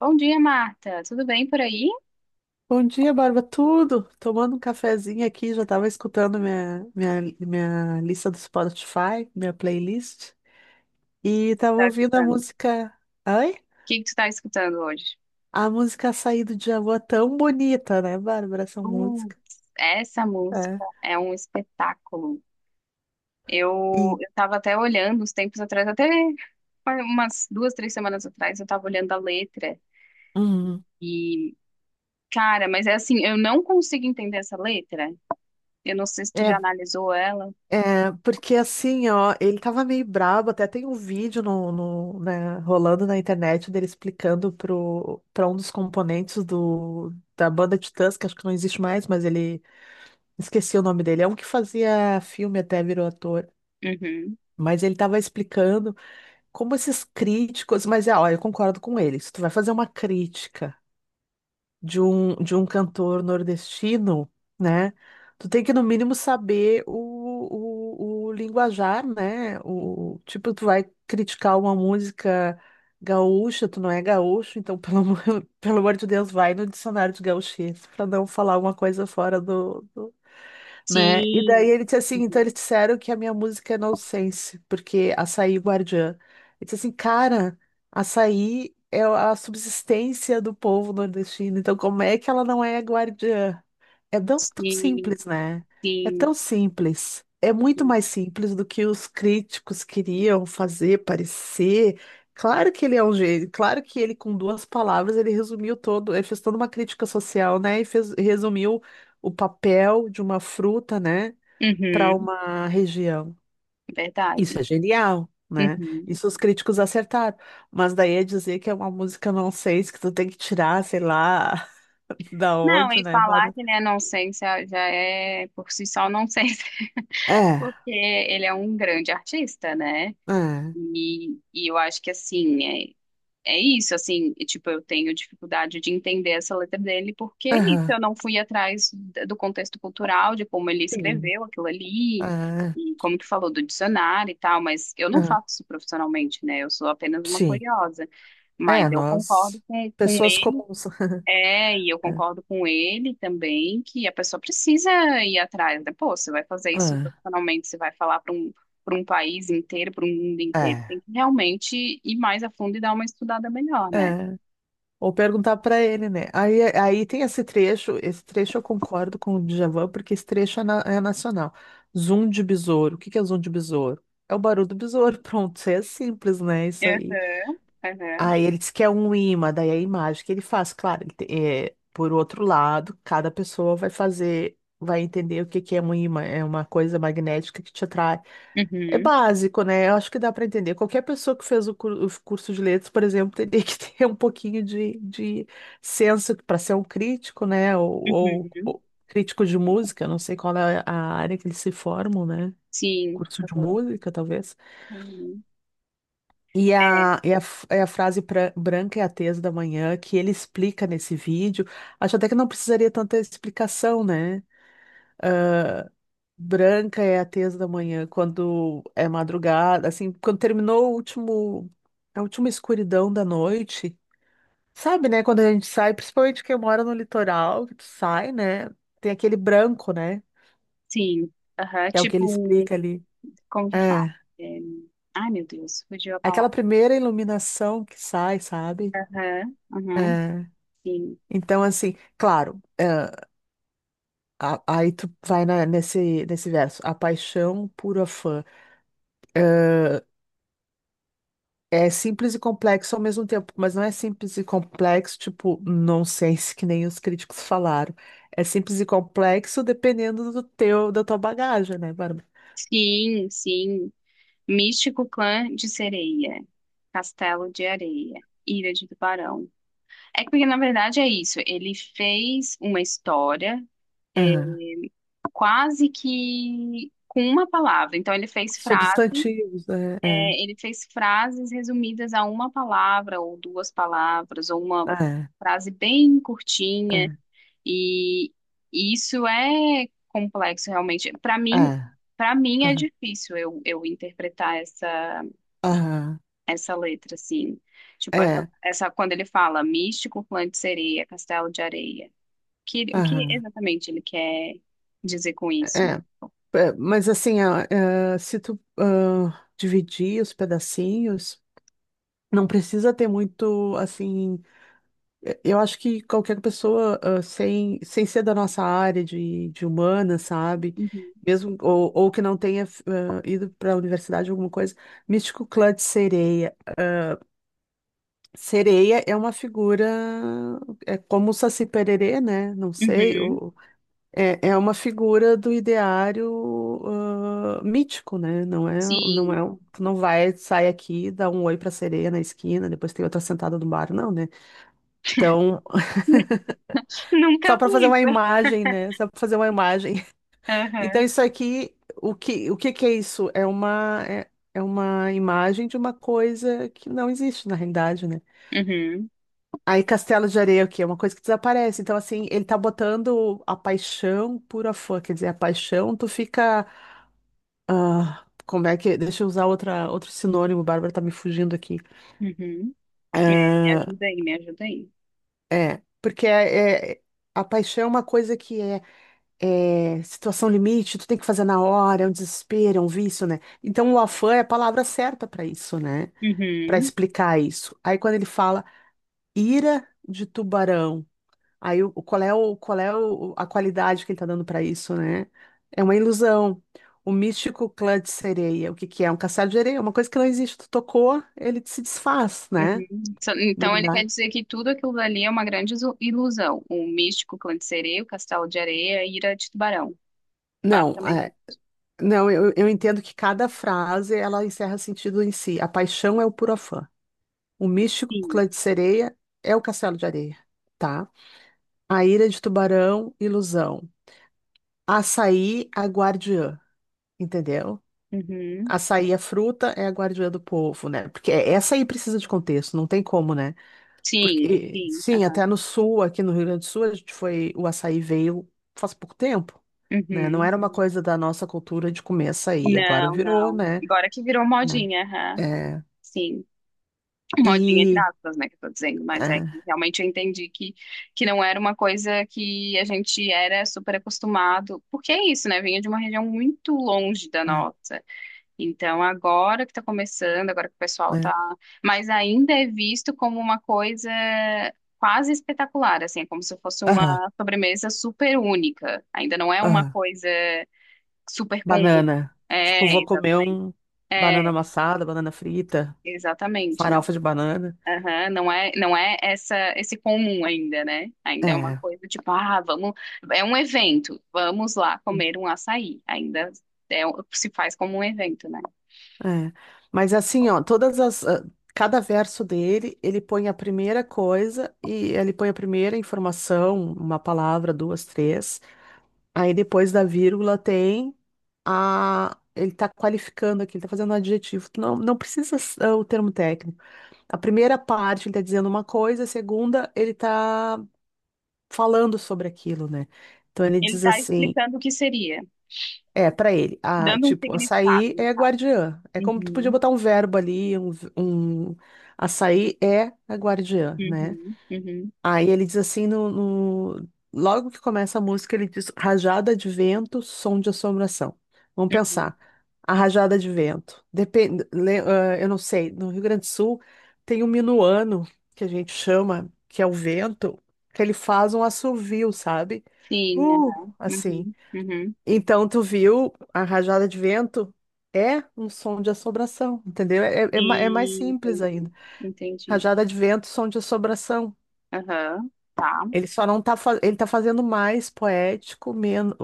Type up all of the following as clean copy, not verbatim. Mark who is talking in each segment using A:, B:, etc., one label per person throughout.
A: Bom dia, Marta. Tudo bem por aí?
B: Bom dia, Barba. Tudo? Tomando um cafezinho aqui, já estava escutando minha lista do Spotify, minha playlist, e
A: O
B: estava
A: tá
B: ouvindo a
A: escutando? O
B: música. Oi?
A: que que tu tá escutando hoje?
B: A música Açaí do Djavan, tão bonita, né, Bárbara? Essa música.
A: Putz, essa
B: É.
A: música é um espetáculo. Eu,
B: E,
A: eu tava até olhando uns tempos atrás, até umas duas, três semanas atrás, eu tava olhando a letra
B: uhum.
A: e, cara, mas é assim, eu não consigo entender essa letra. Eu não sei se tu já
B: É,
A: analisou ela.
B: é, porque assim, ó, ele tava meio brabo, até tem um vídeo no, né, rolando na internet dele explicando pra um dos componentes do, da banda Titãs, que acho que não existe mais, mas ele esqueci o nome dele. É um que fazia filme até virou ator.
A: Uhum.
B: Mas ele estava explicando como esses críticos. Mas é, ó, eu concordo com ele. Se tu vai fazer uma crítica de um cantor nordestino, né? Tu tem que, no mínimo, saber o linguajar, né? O, tipo, tu vai criticar uma música gaúcha, tu não é gaúcho, então, pelo amor de Deus, vai no dicionário de gauchês para não falar uma coisa fora do né? E daí
A: Sim.
B: ele disse assim, então
A: Uhum.
B: eles disseram que a minha música é nonsense, porque açaí guardiã. Ele disse assim, cara, açaí é a subsistência do povo nordestino, então como é que ela não é guardiã? É tão
A: Sim,
B: simples, né? É
A: sim,
B: tão simples. É muito
A: sim.
B: mais simples do que os críticos queriam fazer parecer. Claro que ele é um gênio, claro que ele, com duas palavras, ele resumiu todo, ele fez toda uma crítica social, né? E fez, resumiu o papel de uma fruta, né, para
A: Uhum.
B: uma região. Isso
A: Verdade.
B: é genial, né?
A: Uhum.
B: Isso os críticos acertaram. Mas daí é dizer que é uma música não sei que tu tem que tirar, sei lá, da
A: Não,
B: onde,
A: e
B: né,
A: falar
B: Bárbara?
A: que ele é nonsense é, já é por si só nonsense,
B: É,
A: porque ele é um grande artista, né?
B: é.
A: E eu acho que assim, é, é isso, assim, e, tipo, eu tenho dificuldade de entender essa letra dele, porque é isso,
B: Aham,
A: eu não fui atrás do contexto cultural, de como ele
B: sim.
A: escreveu aquilo ali,
B: Ah,
A: e como tu falou do dicionário e tal, mas eu não
B: ah,
A: faço isso profissionalmente, né? Eu sou apenas uma
B: sim.
A: curiosa. Mas
B: É,
A: eu concordo
B: nós,
A: com
B: pessoas comuns.
A: é, e eu
B: É.
A: concordo com ele também que a pessoa precisa ir atrás, né? Pô, você vai fazer isso
B: Ah,
A: profissionalmente, você vai falar para um país inteiro, para um mundo inteiro.
B: é,
A: Tem que realmente ir mais a fundo e dar uma estudada melhor, né?
B: é. Ou perguntar pra ele, né? Aí tem esse trecho eu concordo com o Djavan, porque esse trecho é nacional. Zoom de besouro. O que que é zoom de besouro? É o barulho do besouro. Pronto, é simples, né? Isso aí.
A: Aham, aham.
B: Aí ele diz que é um imã, daí é a imagem que ele faz, claro, é, por outro lado, cada pessoa vai fazer, vai entender o que que é um imã, é uma coisa magnética que te atrai. É
A: Uhum,
B: básico, né? Eu acho que dá para entender. Qualquer pessoa que fez o curso de letras, por exemplo, teria que ter um pouquinho de senso para ser um crítico, né?
A: uhum.
B: Ou crítico de música, não sei qual é a área que eles se formam, né?
A: Sim.
B: Curso de
A: Aham.
B: música, talvez.
A: Uhum. É,
B: É a frase branca é a tesa da manhã, que ele explica nesse vídeo, acho até que não precisaria tanta explicação, né? Branca é a tesa da manhã, quando é madrugada, assim, quando terminou o último, a última escuridão da noite, sabe, né? Quando a gente sai, principalmente quem mora no litoral, que tu sai, né? Tem aquele branco, né?
A: sim. Aham.
B: Que é o que
A: Tipo,
B: ele explica ali.
A: como que
B: É,
A: fala? É, ai, meu Deus, fugiu a
B: aquela
A: palavra.
B: primeira iluminação que sai, sabe?
A: Aham, aham.
B: É.
A: Sim.
B: Então, assim, claro. É, Aí tu vai nesse verso. A paixão pura fã. Ahn, é simples e complexo ao mesmo tempo, mas não é simples e complexo, tipo, nonsense, que nem os críticos falaram. É simples e complexo dependendo do teu, da tua bagagem, né, Bárbara?
A: Sim, sim. Místico Clã de Sereia, Castelo de Areia, Ilha de Tubarão. É que porque, na verdade, é isso. Ele fez uma história
B: Aham.
A: quase que com uma palavra. Então, ele fez frase,
B: Substantivos, né?
A: é, ele fez frases resumidas a uma palavra ou duas palavras, ou uma
B: É,
A: frase bem curtinha.
B: é,
A: E isso é complexo, realmente.
B: é,
A: Para mim é
B: aham,
A: difícil eu interpretar essa
B: aham,
A: essa letra, assim. Tipo, essa,
B: é,
A: essa quando ele fala místico, clã de sereia, castelo de areia. Que, o que
B: aham,
A: exatamente ele quer dizer com isso?
B: é. É, mas assim, se tu dividir os pedacinhos. Não precisa ter muito, assim. Eu acho que qualquer pessoa, sem, sem ser da nossa área de humana, sabe?
A: Uhum.
B: Mesmo, ou que não tenha, ido para a universidade, alguma coisa. Místico Clã de Sereia. Sereia é uma figura. É como o Saci Pererê, né? Não sei.
A: Uhum.
B: Ou, é uma figura do ideário, mítico, né? Não é, não
A: Sim.
B: é. Tu não vai, sai aqui, dá um oi pra sereia na esquina, depois tem outra sentada no bar, não, né? Então, só
A: Nunca
B: para fazer
A: vi.
B: uma imagem, né? Só para fazer uma imagem. Então,
A: Aham.
B: isso aqui, o que que é isso? É uma imagem de uma coisa que não existe na realidade, né?
A: Uhum.
B: Aí, Castelo de Areia, o quê? É uma coisa que desaparece. Então, assim, ele tá botando a paixão pura fã. Quer dizer, a paixão, tu fica. Como é que. Deixa eu usar outro sinônimo, Bárbara tá me fugindo aqui.
A: Uhum. Me
B: Ah,
A: ajuda aí, me ajuda aí.
B: é, a paixão é uma coisa que é situação limite, tu tem que fazer na hora, é um desespero, é um vício, né? Então o afã é a palavra certa para isso, né? Para
A: Uhum.
B: explicar isso. Aí quando ele fala ira de tubarão, aí qual é o, qual é a qualidade que ele tá dando para isso, né? É uma ilusão. O místico clã de sereia, o que que é? Um caçar de areia, uma coisa que não existe. Tu tocou, ele se desfaz, né?
A: Uhum. Então
B: Não
A: ele quer
B: dá.
A: dizer que tudo aquilo ali é uma grande ilusão. O místico clã de sereia, o castelo de areia, a ira de tubarão.
B: Não,
A: Basicamente,
B: é, não, eu entendo que cada frase ela encerra sentido em si. A paixão é o puro afã. O Místico
A: sim.
B: Clã de Sereia é o Castelo de Areia, tá? A Ira de Tubarão, Ilusão. Açaí, a guardiã, entendeu?
A: Uhum.
B: Açaí, a fruta, é a guardiã do povo, né? Porque é, essa aí precisa de contexto, não tem como, né?
A: Sim,
B: Porque,
A: sim.
B: sim,
A: Aham.
B: até no sul, aqui no Rio Grande do Sul, a gente foi, o açaí veio faz pouco tempo, né? Não
A: Uhum.
B: era uma coisa da nossa cultura de comer açaí, agora
A: Não,
B: virou,
A: não.
B: né?
A: Agora que virou modinha,
B: É.
A: aham.
B: É.
A: Sim. Modinha entre
B: E...
A: aspas, né, que eu tô dizendo, mas é
B: É.
A: que realmente eu entendi que não era uma coisa que a gente era super acostumado, porque é isso, né, vinha de uma região muito longe da
B: É.
A: nossa. Então, agora que tá começando, agora que o pessoal
B: É.
A: tá, mas ainda é visto como uma coisa quase espetacular, assim, é como se fosse uma
B: Aham.
A: sobremesa super única. Ainda não é uma
B: Aham.
A: coisa super comum.
B: Banana. Tipo,
A: É,
B: vou comer
A: exatamente.
B: um
A: É.
B: banana amassada, banana frita,
A: Exatamente, não.
B: farofa de banana.
A: Aham, não é, não é essa esse comum ainda, né? Ainda é uma
B: É,
A: coisa tipo, ah, vamos, é um evento, vamos lá
B: sim,
A: comer um açaí. Ainda é, se faz como um evento, né?
B: é. Mas assim, ó, todas as. Cada verso dele, ele põe a primeira coisa e ele põe a primeira informação, uma palavra, duas, três. Aí depois da vírgula tem a. Ele tá qualificando aqui, ele tá fazendo um adjetivo. Tu não, não precisa o termo técnico. A primeira parte ele tá dizendo uma coisa, a segunda ele tá falando sobre aquilo, né? Então ele
A: Ele
B: diz
A: está
B: assim,
A: explicando o que seria,
B: é, pra ele, a,
A: dando um
B: tipo,
A: significado,
B: açaí
A: no
B: é a
A: caso.
B: guardiã. É como tu podia
A: Uhum,
B: botar um verbo ali, um açaí é a guardiã, né?
A: uhum, uhum,
B: Aí ele diz assim, logo que começa a música, ele diz rajada de vento, som de assombração. Vamos
A: uhum.
B: pensar. A rajada de vento. Depende, eu não sei, no Rio Grande do Sul tem um minuano, que a gente chama, que é o vento, que ele faz um assovio, sabe?
A: Sim,
B: Uh,
A: aham,
B: assim.
A: uhum, uhum.
B: Então, tu viu a rajada de vento? É um som de assombração, entendeu? É mais
A: Sim,
B: simples
A: entendi,
B: ainda.
A: entendi.
B: Rajada de vento, som de assombração.
A: Aham, tá.
B: Ele só não tá, ele tá fazendo mais poético, menos,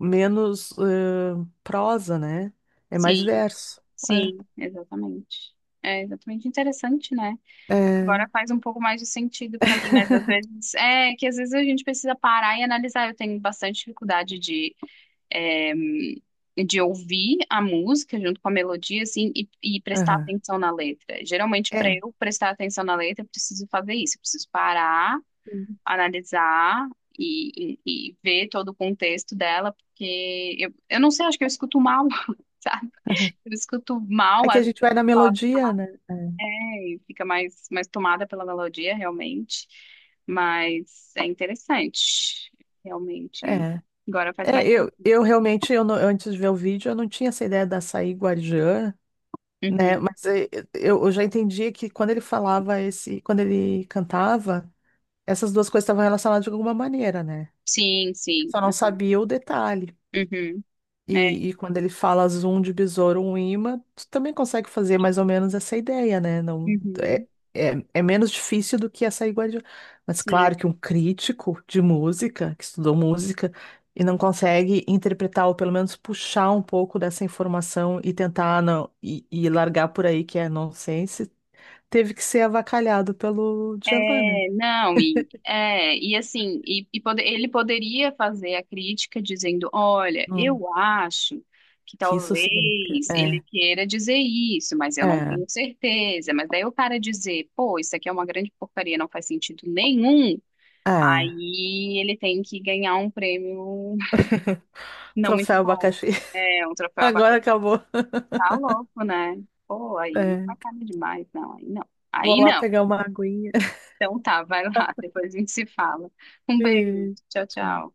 B: menos prosa, né? É mais
A: Sim,
B: verso.
A: sim, exatamente. É exatamente interessante, né?
B: É.
A: Agora
B: É.
A: faz um pouco mais de sentido para mim, mas às vezes é que às vezes a gente precisa parar e analisar. Eu tenho bastante dificuldade de, é, de ouvir a música junto com a melodia, assim, e prestar
B: Aham.
A: atenção na letra. Geralmente, para
B: É.
A: eu prestar atenção na letra, eu preciso fazer isso. Eu preciso parar,
B: Sim.
A: analisar e ver todo o contexto dela, porque eu não sei, acho que eu escuto mal, sabe?
B: Aham.
A: Eu escuto
B: É
A: mal,
B: que
A: às
B: a
A: vezes,
B: gente vai na melodia, né? É.
A: e fica mais, mais tomada pela melodia, realmente. Mas é interessante, realmente.
B: É,
A: Agora faz mais.
B: eu realmente, eu não- antes de ver o vídeo, eu não tinha essa ideia da açaí guardiã, né?
A: Uhum.
B: Mas eu já entendia que quando ele falava esse, quando ele cantava, essas duas coisas estavam relacionadas de alguma maneira, né?
A: Sim, sim,
B: Só não
A: aham.
B: sabia o detalhe.
A: Uhum. É.
B: E quando ele fala zoom de besouro, um imã, tu também consegue fazer mais ou menos essa ideia, né? Não,
A: Uhum.
B: é menos difícil do que essa iguaria. Mas claro
A: Sim.
B: que um crítico de música, que estudou música, e não consegue interpretar, ou pelo menos puxar um pouco dessa informação e tentar não, e largar por aí que é nonsense, teve que ser avacalhado pelo Djavan, né?
A: É, não, e, é, e assim, e ele poderia fazer a crítica dizendo, olha,
B: Hum,
A: eu acho que
B: que isso significa.
A: talvez ele queira dizer isso, mas eu não
B: É,
A: tenho certeza. Mas daí o cara dizer, pô, isso aqui é uma grande porcaria, não faz sentido nenhum.
B: é.
A: Aí ele tem que ganhar um prêmio não muito
B: Troféu
A: bom.
B: abacaxi.
A: É, um troféu
B: Agora
A: abacaxi,
B: acabou.
A: tá louco, né? Pô, aí
B: É,
A: sacana demais. Não, aí não.
B: vou
A: Aí
B: lá
A: não.
B: pegar uma aguinha.
A: Então tá, vai lá, depois a gente se fala. Um beijo.
B: Beijo.
A: Tchau,
B: Tchau.
A: tchau.